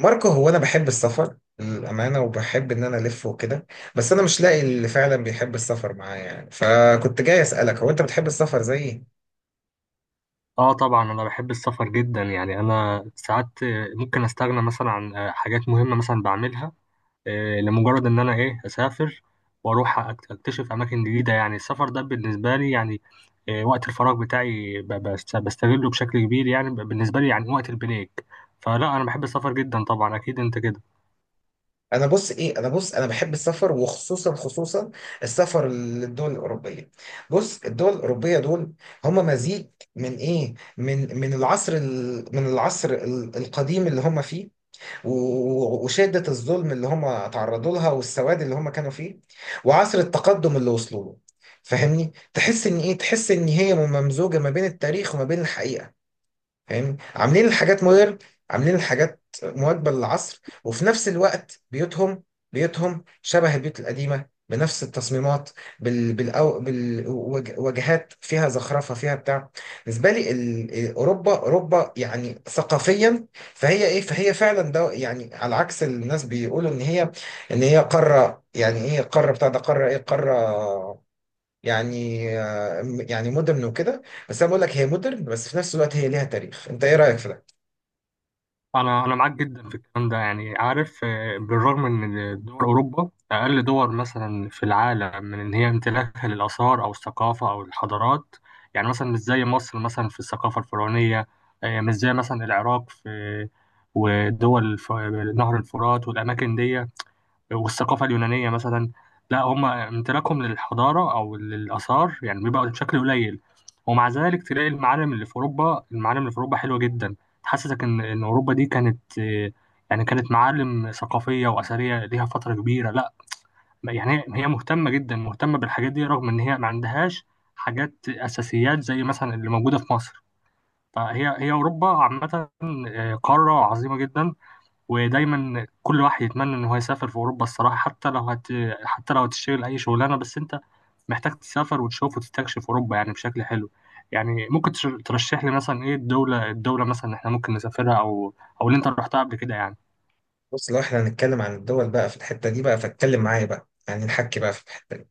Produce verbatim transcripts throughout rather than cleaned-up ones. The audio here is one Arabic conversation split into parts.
ماركو، هو انا بحب السفر للامانه، وبحب ان انا الف وكده. بس انا مش لاقي اللي فعلا بيحب السفر معايا يعني، فكنت جاي اسالك هو انت بتحب السفر زيي؟ اه، طبعا انا بحب السفر جدا. يعني انا ساعات ممكن استغنى مثلا عن حاجات مهمه مثلا بعملها، آه، لمجرد ان انا ايه اسافر واروح أكت- اكتشف اماكن جديده. يعني السفر ده بالنسبه لي يعني آه، وقت الفراغ بتاعي ب- بست- بستغله بشكل كبير. يعني ب- بالنسبه لي يعني وقت البريك، فلا انا بحب السفر جدا طبعا، اكيد انت كده. انا بص ايه انا بص انا بحب السفر، وخصوصا خصوصا السفر للدول الاوروبيه. بص، الدول الاوروبيه دول هم مزيج من ايه من من العصر ال... من العصر ال- القديم اللي هم فيه، و- وشدة الظلم اللي هم تعرضوا لها، والسواد اللي هم كانوا فيه، وعصر التقدم اللي وصلوا له. فاهمني؟ تحس ان ايه، تحس ان هي ممزوجة ما بين التاريخ وما بين الحقيقة. فاهم؟ عاملين الحاجات مودرن، عاملين الحاجات مواكبة للعصر، وفي نفس الوقت بيوتهم، بيوتهم شبه البيوت القديمة بنفس التصميمات، بال بالأو بالوجهات، فيها زخرفة، فيها بتاع. بالنسبة لي ال- أوروبا، أوروبا يعني ثقافيا. فهي إيه، فهي فعلا ده يعني على عكس الناس بيقولوا إن هي، إن هي قارة، يعني إيه قارة، بتاع ده، قارة إيه، قارة يعني آه، يعني مودرن وكده. بس انا بقول لك هي مودرن، بس في نفس الوقت هي ليها تاريخ. انت ايه رايك في ده؟ انا انا معاك جدا في الكلام ده. يعني عارف، آه، بالرغم ان دول اوروبا اقل دول مثلا في العالم من ان هي امتلاكها للاثار او الثقافه او الحضارات، يعني مثلا مش زي مصر مثلا في الثقافه الفرعونيه، آه، مش زي مثلا العراق في ودول الف- نهر الفرات والاماكن دي، والثقافة اليونانية مثلا. لا، هم امتلاكهم للحضارة أو للآثار يعني بيبقى بشكل قليل، ومع ذلك تلاقي المعالم اللي في أوروبا، المعالم اللي في أوروبا حلوة جدا. تحسسك إن إن أوروبا دي كانت آه، يعني كانت معالم ثقافية وأثرية ليها فترة كبيرة. لا يعني هي هي مهتمة جدا، مهتمة بالحاجات دي، رغم إن هي ما عندهاش حاجات أساسيات زي مثلا اللي موجودة في مصر. فهي هي أوروبا عامة آه، قارة عظيمة جدا، ودايما كل واحد يتمنى ان هو يسافر في اوروبا الصراحه. حتى لو هت... حتى لو هتشتغل اي شغلانه، بس انت محتاج تسافر وتشوف وتستكشف اوروبا يعني بشكل حلو. يعني ممكن تش- ترشح لي مثلا ايه الدوله الدوله مثلا احنا ممكن نسافرها، او او اللي انت رحتها قبل كده يعني. بص، لو احنا هنتكلم عن الدول بقى في الحته دي بقى، فاتكلم معايا بقى يعني، نحكي بقى في الحته دي.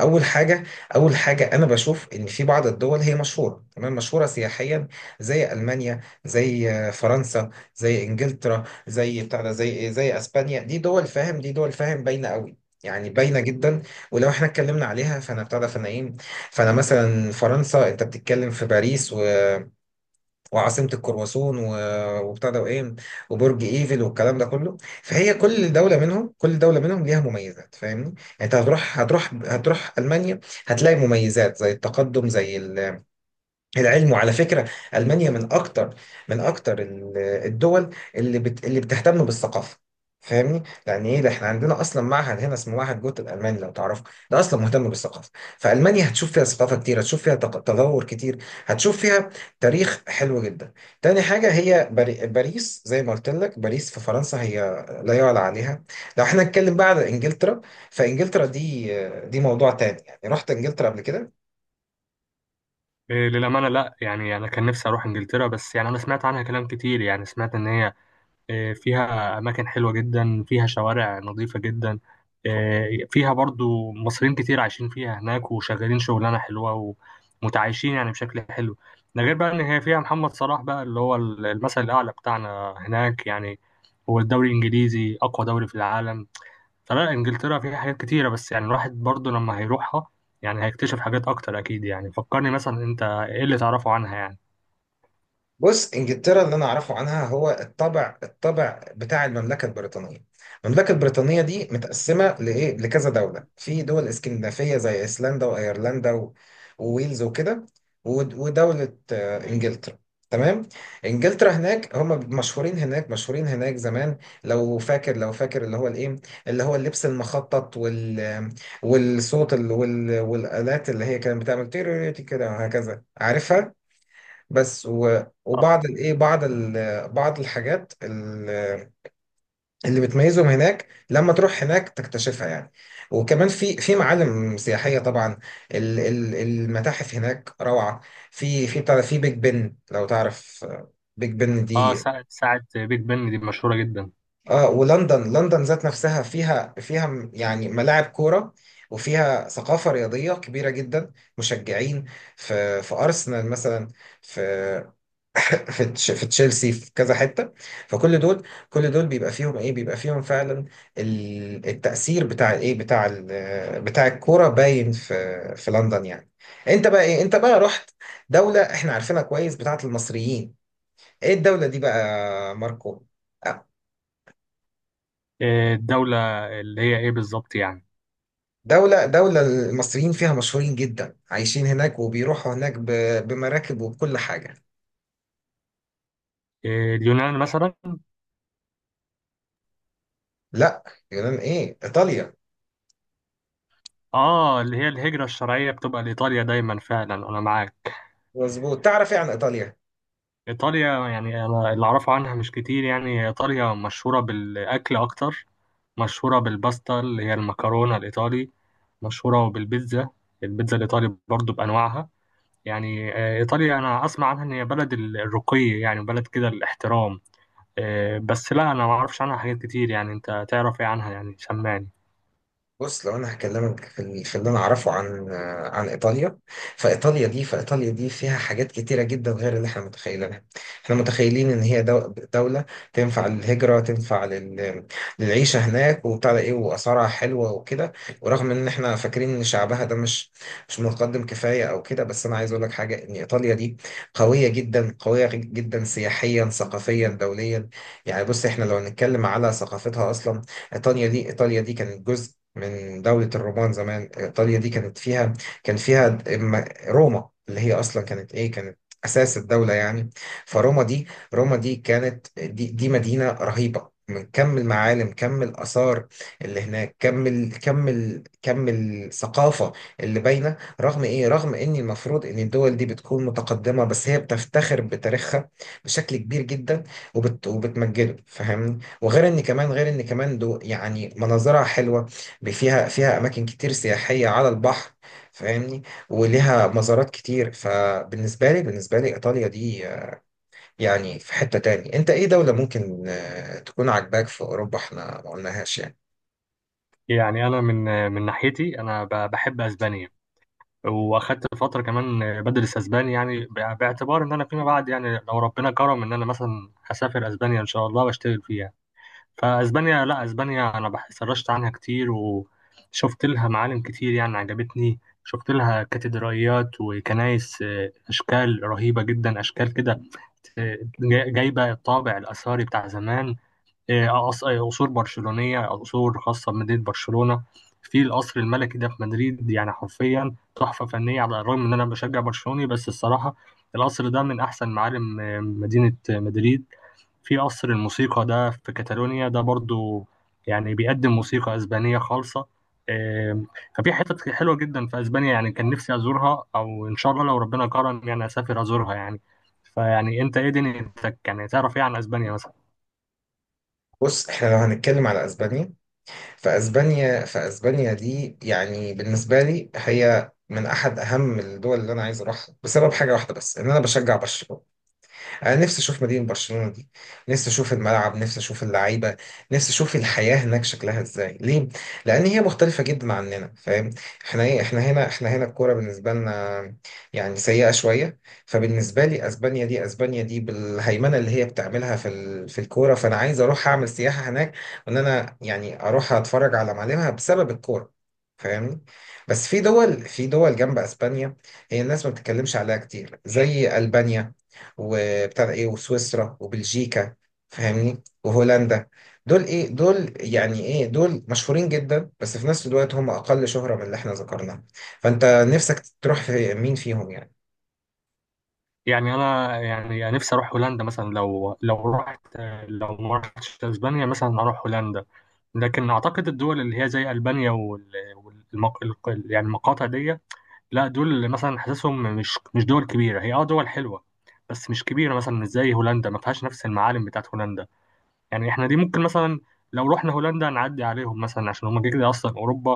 اول حاجه، اول حاجه انا بشوف ان في بعض الدول هي مشهوره، تمام، مشهوره سياحيا زي المانيا، زي آه، فرنسا، زي انجلترا، زي بتاع ده، زي ايه، زي اسبانيا. دي دول فاهم، دي دول فاهم باينه قوي، يعني باينه جدا. ولو احنا اتكلمنا عليها، فانا بتاع ده، فانا ايه، فانا مثلا فرنسا، انت بتتكلم في باريس، و وعاصمة الكرواسون، و- وبتاع ده، وايه، وبرج ايفل، والكلام ده كله. فهي كل دولة منهم، كل دولة منهم ليها مميزات، فاهمني يعني. انت هتروح، هتروح هتروح ألمانيا، هتلاقي مميزات زي التقدم، زي العلم. وعلى فكرة، ألمانيا من أكتر، من أكتر ال- الدول اللي بت اللي بتهتم بالثقافة. فاهمني؟ لأن إيه ده، إحنا عندنا أصلا معهد هنا اسمه معهد جوت الألماني لو تعرفه، ده أصلا مهتم بالثقافة. فألمانيا هتشوف فيها ثقافة كتير، هتشوف فيها تق- تطور كتير، هتشوف فيها تاريخ حلو جدا. تاني حاجة هي باري- باريس. زي ما قلت لك، باريس في فرنسا هي لا يعلى عليها. لو إحنا نتكلم بقى على إنجلترا، فإنجلترا دي، دي موضوع تاني. يعني رحت إنجلترا قبل كده؟ إيه للامانه، لا يعني انا كان نفسي اروح انجلترا، بس يعني انا سمعت عنها كلام كتير. يعني سمعت ان هي آه، فيها أماكن حلوة جدا، فيها شوارع نظيفة جدا، آه، فيها برضو مصريين كتير عايشين فيها هناك وشغالين شغلانة حلوة ومتعايشين يعني بشكل حلو. ده غير بقى إن هي فيها محمد صلاح بقى اللي هو المثل الأعلى بتاعنا هناك يعني. هو الدوري الإنجليزي أقوى دوري في العالم، فلا إنجلترا فيها حاجات كتيرة. بس يعني الواحد برضو لما هيروحها يعني هيكتشف حاجات أكتر أكيد. يعني فكرني مثلا، أنت إيه اللي تعرفه عنها يعني؟ بص، انجلترا اللي انا اعرفه عنها هو الطبع، الطبع بتاع المملكه البريطانيه. المملكه البريطانيه دي متقسمه لايه، لكذا دوله، في دول اسكندنافيه زي ايسلندا وايرلندا و- وويلز وكده، ود- ودوله آه، انجلترا. تمام. انجلترا هناك هم مشهورين هناك، مشهورين هناك زمان. لو فاكر، لو فاكر اللي هو الايه، اللي هو اللبس المخطط، وال والصوت ال- وال والالات اللي هي كانت بتعمل تيريريتي كده وهكذا، عارفها. بس و- آه. وبعض الايه، بعض ال- بعض الحاجات ال- اللي بتميزهم هناك، لما تروح هناك تكتشفها يعني. وكمان في في معالم سياحيه طبعا. ال- ال- المتاحف هناك روعه. في في بتاع ده، في بيج بن لو تعرف، آه، بيج بن آه، دي. ساعة ساعة بيج بن دي مشهورة جدا. اه، ولندن، لندن ذات نفسها فيها، فيها م- يعني ملاعب كوره، وفيها ثقافة رياضية كبيرة جدا، مشجعين. في في أرسنال مثلا، في في تش- في تشيلسي، في كذا حته. فكل دول، كل دول بيبقى فيهم ايه، بيبقى فيهم فعلا ال- التاثير بتاع ايه، بتاع ال- بتاع الكوره باين في في لندن يعني. انت بقى ايه، انت بقى رحت دوله احنا عارفينها كويس، بتاعت المصريين. ايه الدوله دي بقى ماركو؟ آه، آه، الدولة اللي هي ايه بالظبط يعني؟ دولة، دولة المصريين فيها مشهورين جدا، عايشين هناك، وبيروحوا هناك ب- بمراكب وبكل حاجة. آه، اليونان مثلا؟ لا، يونان ايه، ايطاليا. اه، اللي هي الهجرة الشرعية بتبقى لإيطاليا دايما، فعلا انا معاك. مظبوط. تعرف ايه عن ايطاليا؟ إيطاليا يعني انا اللي اعرفه عنها مش كتير. يعني إيطاليا مشهورة بالأكل اكتر، مشهورة بالباستا اللي هي المكرونة الإيطالي، مشهورة بالبيتزا، البيتزا الإيطالي برضو بأنواعها. يعني آه، إيطاليا أنا أسمع عنها إن هي بلد الرقي، يعني بلد كده الاحترام، آه، بس لا أنا ما أعرفش عنها حاجات كتير. يعني أنت تعرف إيه عنها يعني؟ سمعني. بص، لو انا هكلمك في ال- في اللي انا اعرفه عن آه، عن ايطاليا، فايطاليا دي، فايطاليا دي فيها حاجات كتيره جدا غير اللي احنا متخيلينها. احنا متخيلين ان هي دو- دوله تنفع للهجره، تنفع لل... للعيشه هناك وبتاع ده ايه، واسعارها حلوه وكده. ورغم ان احنا فاكرين ان شعبها ده مش، مش متقدم كفايه او كده، بس انا عايز اقول لك حاجه، ان ايطاليا دي قويه جدا، قويه جدا سياحيا، ثقافيا، دوليا. يعني بص، احنا لو هنتكلم على ثقافتها اصلا، ايطاليا دي، ايطاليا دي كانت جزء من دولة الرومان زمان. إيطاليا دي كانت فيها، كان فيها د- م- روما، اللي هي أصلا كانت إيه، كانت أساس الدولة يعني. فروما دي، روما دي كانت دي, دي مدينة رهيبة، من كم المعالم، كم الآثار اللي هناك، كم ال... كم ال... كم الثقافة اللي باينة، رغم إيه، رغم إن المفروض إن الدول دي بتكون متقدمة، بس هي بتفتخر بتاريخها بشكل كبير جدا، وبت... وبتمجده. فاهمني؟ وغير إن كمان، غير إن كمان دو يعني مناظرها حلوة، فيها فيها اماكن كتير سياحيه على البحر. فاهمني؟ وليها مزارات كتير. فبالنسبه لي، بالنسبه لي ايطاليا دي آه، يعني في حته تاني. انت ايه دوله ممكن آه، تكون عاجباك في اوروبا احنا ما قلناهاش يعني؟ يعني انا من من ناحيتي انا ب- بحب اسبانيا، واخدت فتره كمان بدرس اسباني، يعني ب- باعتبار ان انا فيما بعد يعني لو ربنا كرم ان انا مثلا هسافر اسبانيا ان شاء الله واشتغل فيها. فاسبانيا، لا اسبانيا انا بح- سرشت عنها كتير وشفت لها معالم كتير يعني عجبتني، شفت لها كاتدرائيات وكنائس، آه، اشكال رهيبه جدا، اشكال كده آه، جايبه الطابع الاثري بتاع زمان. آه، آه، قص- آه، قصور برشلونية، قصور خاصة بمدينة برشلونة. في القصر الملكي ده في مدريد يعني حرفيا تحفة فنية. على الرغم إن أنا بشجع برشلوني، بس الصراحة القصر ده من أحسن معالم آه، مدينة آه، مدريد. في قصر الموسيقى ده في كاتالونيا ده برضو، يعني بيقدم موسيقى أسبانية خالصة. آم، ففي حتت حلوة جدا في أسبانيا. يعني كان نفسي أزورها، أو إن شاء الله لو ربنا كرم يعني أسافر أزورها يعني. فيعني أنت إيه دنيتك؟ يعني تعرف إيه عن أسبانيا مثلا؟ بص، احنا لو هنتكلم على اسبانيا، فاسبانيا، فاسبانيا دي يعني بالنسبه لي هي من احد اهم الدول اللي انا عايز اروحها، بسبب حاجه واحده بس، ان انا بشجع برشلونه. انا نفسي اشوف مدينه برشلونه دي، نفسي اشوف الملعب، نفسي اشوف اللعيبه، نفسي اشوف الحياه هناك شكلها ازاي. ليه؟ لان هي مختلفه جدا عننا، فاهم؟ احنا ايه، احنا هنا، احنا هنا الكوره بالنسبه لنا يعني سيئه شويه. فبالنسبه لي، اسبانيا دي، اسبانيا دي بالهيمنه اللي هي بتعملها في ال... في الكوره، فانا عايز اروح اعمل سياحه هناك، وان انا يعني اروح اتفرج على معالمها بسبب الكوره. فاهمني؟ بس في دول، في دول جنب اسبانيا هي الناس ما بتتكلمش عليها كتير، زي البانيا وبتاع ده ايه، وسويسرا، وبلجيكا، فاهمني، وهولندا. دول ايه، دول يعني ايه، دول مشهورين جدا، بس في نفس الوقت هم اقل شهرة من اللي احنا ذكرناها. فانت نفسك تروح في مين فيهم يعني؟ يعني انا يعني نفسي اروح هولندا مثلا، لو لو رحت، لو ما رحتش اسبانيا مثلا اروح هولندا. لكن اعتقد الدول اللي هي زي البانيا وال والمق... الق- يعني المقاطع دي، لا دول اللي مثلا حاسسهم مش مش دول كبيره. هي اه دول حلوه بس مش كبيره، مثلا مش زي هولندا، ما فيهاش نفس المعالم بتاعت هولندا. يعني احنا دي ممكن مثلا لو رحنا هولندا نعدي عليهم مثلا، عشان هم كده كده اصلا اوروبا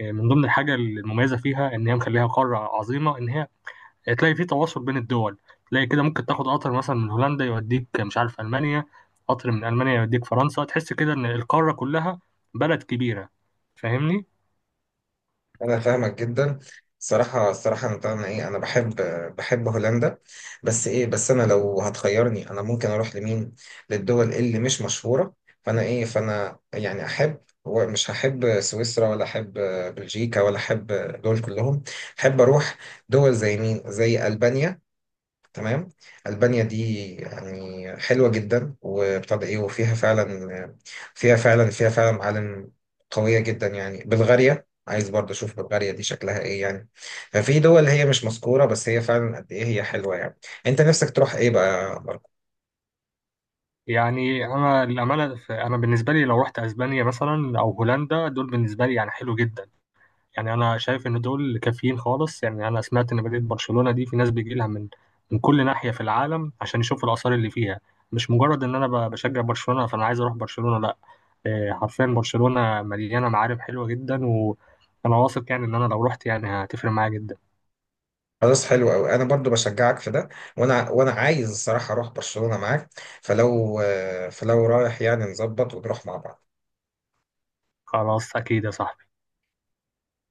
آه، من ضمن الحاجه المميزه فيها ان هي مخليها قاره عظيمه ان هي تلاقي في تواصل بين الدول. تلاقي كده ممكن تاخد قطر مثلا من هولندا يوديك مش عارف ألمانيا، قطر من ألمانيا يوديك فرنسا، تحس كده إن القارة كلها بلد كبيرة. فاهمني؟ انا فاهمك جدا. الصراحه، الصراحه انا طبعا ايه، انا بحب، بحب هولندا. بس ايه، بس انا لو هتخيرني انا ممكن اروح لمين؟ للدول اللي مش مشهوره. فانا ايه، فانا يعني احب ومش هحب سويسرا، ولا احب بلجيكا، ولا احب دول كلهم. احب اروح دول زي مين؟ زي البانيا. تمام. ألبانيا دي يعني حلوة جدا، وابتدى إيه، وفيها فعلا، فيها فعلا فيها فعلا معالم قوية جدا. يعني بلغاريا عايز برضه أشوف بلغاريا دي شكلها إيه يعني. ففي دول هي مش مذكورة، بس هي فعلا قد إيه هي حلوة يعني. أنت نفسك تروح إيه بقى ماركو؟ يعني أنا الأمانة، ف- أنا بالنسبة لي لو رحت أسبانيا مثلا أو هولندا، دول بالنسبة لي يعني حلو جدا. يعني أنا شايف إن دول كافيين خالص. يعني أنا سمعت إن مدينة برشلونة دي في ناس بيجي لها من من كل ناحية في العالم عشان يشوفوا الآثار اللي فيها. مش مجرد إن أنا ب- بشجع برشلونة فأنا عايز أروح برشلونة، لا. آه، حرفيا برشلونة مليانة معارف حلوة جدا، وأنا واثق يعني إن أنا لو رحت يعني هتفرق معايا جدا. خلاص، حلو قوي، انا برضو بشجعك في ده. وانا، وانا عايز الصراحه اروح برشلونه معاك. فلو، فلو رايح يعني نظبط ونروح مع بعض. خلاص أكيد يا صاحبي.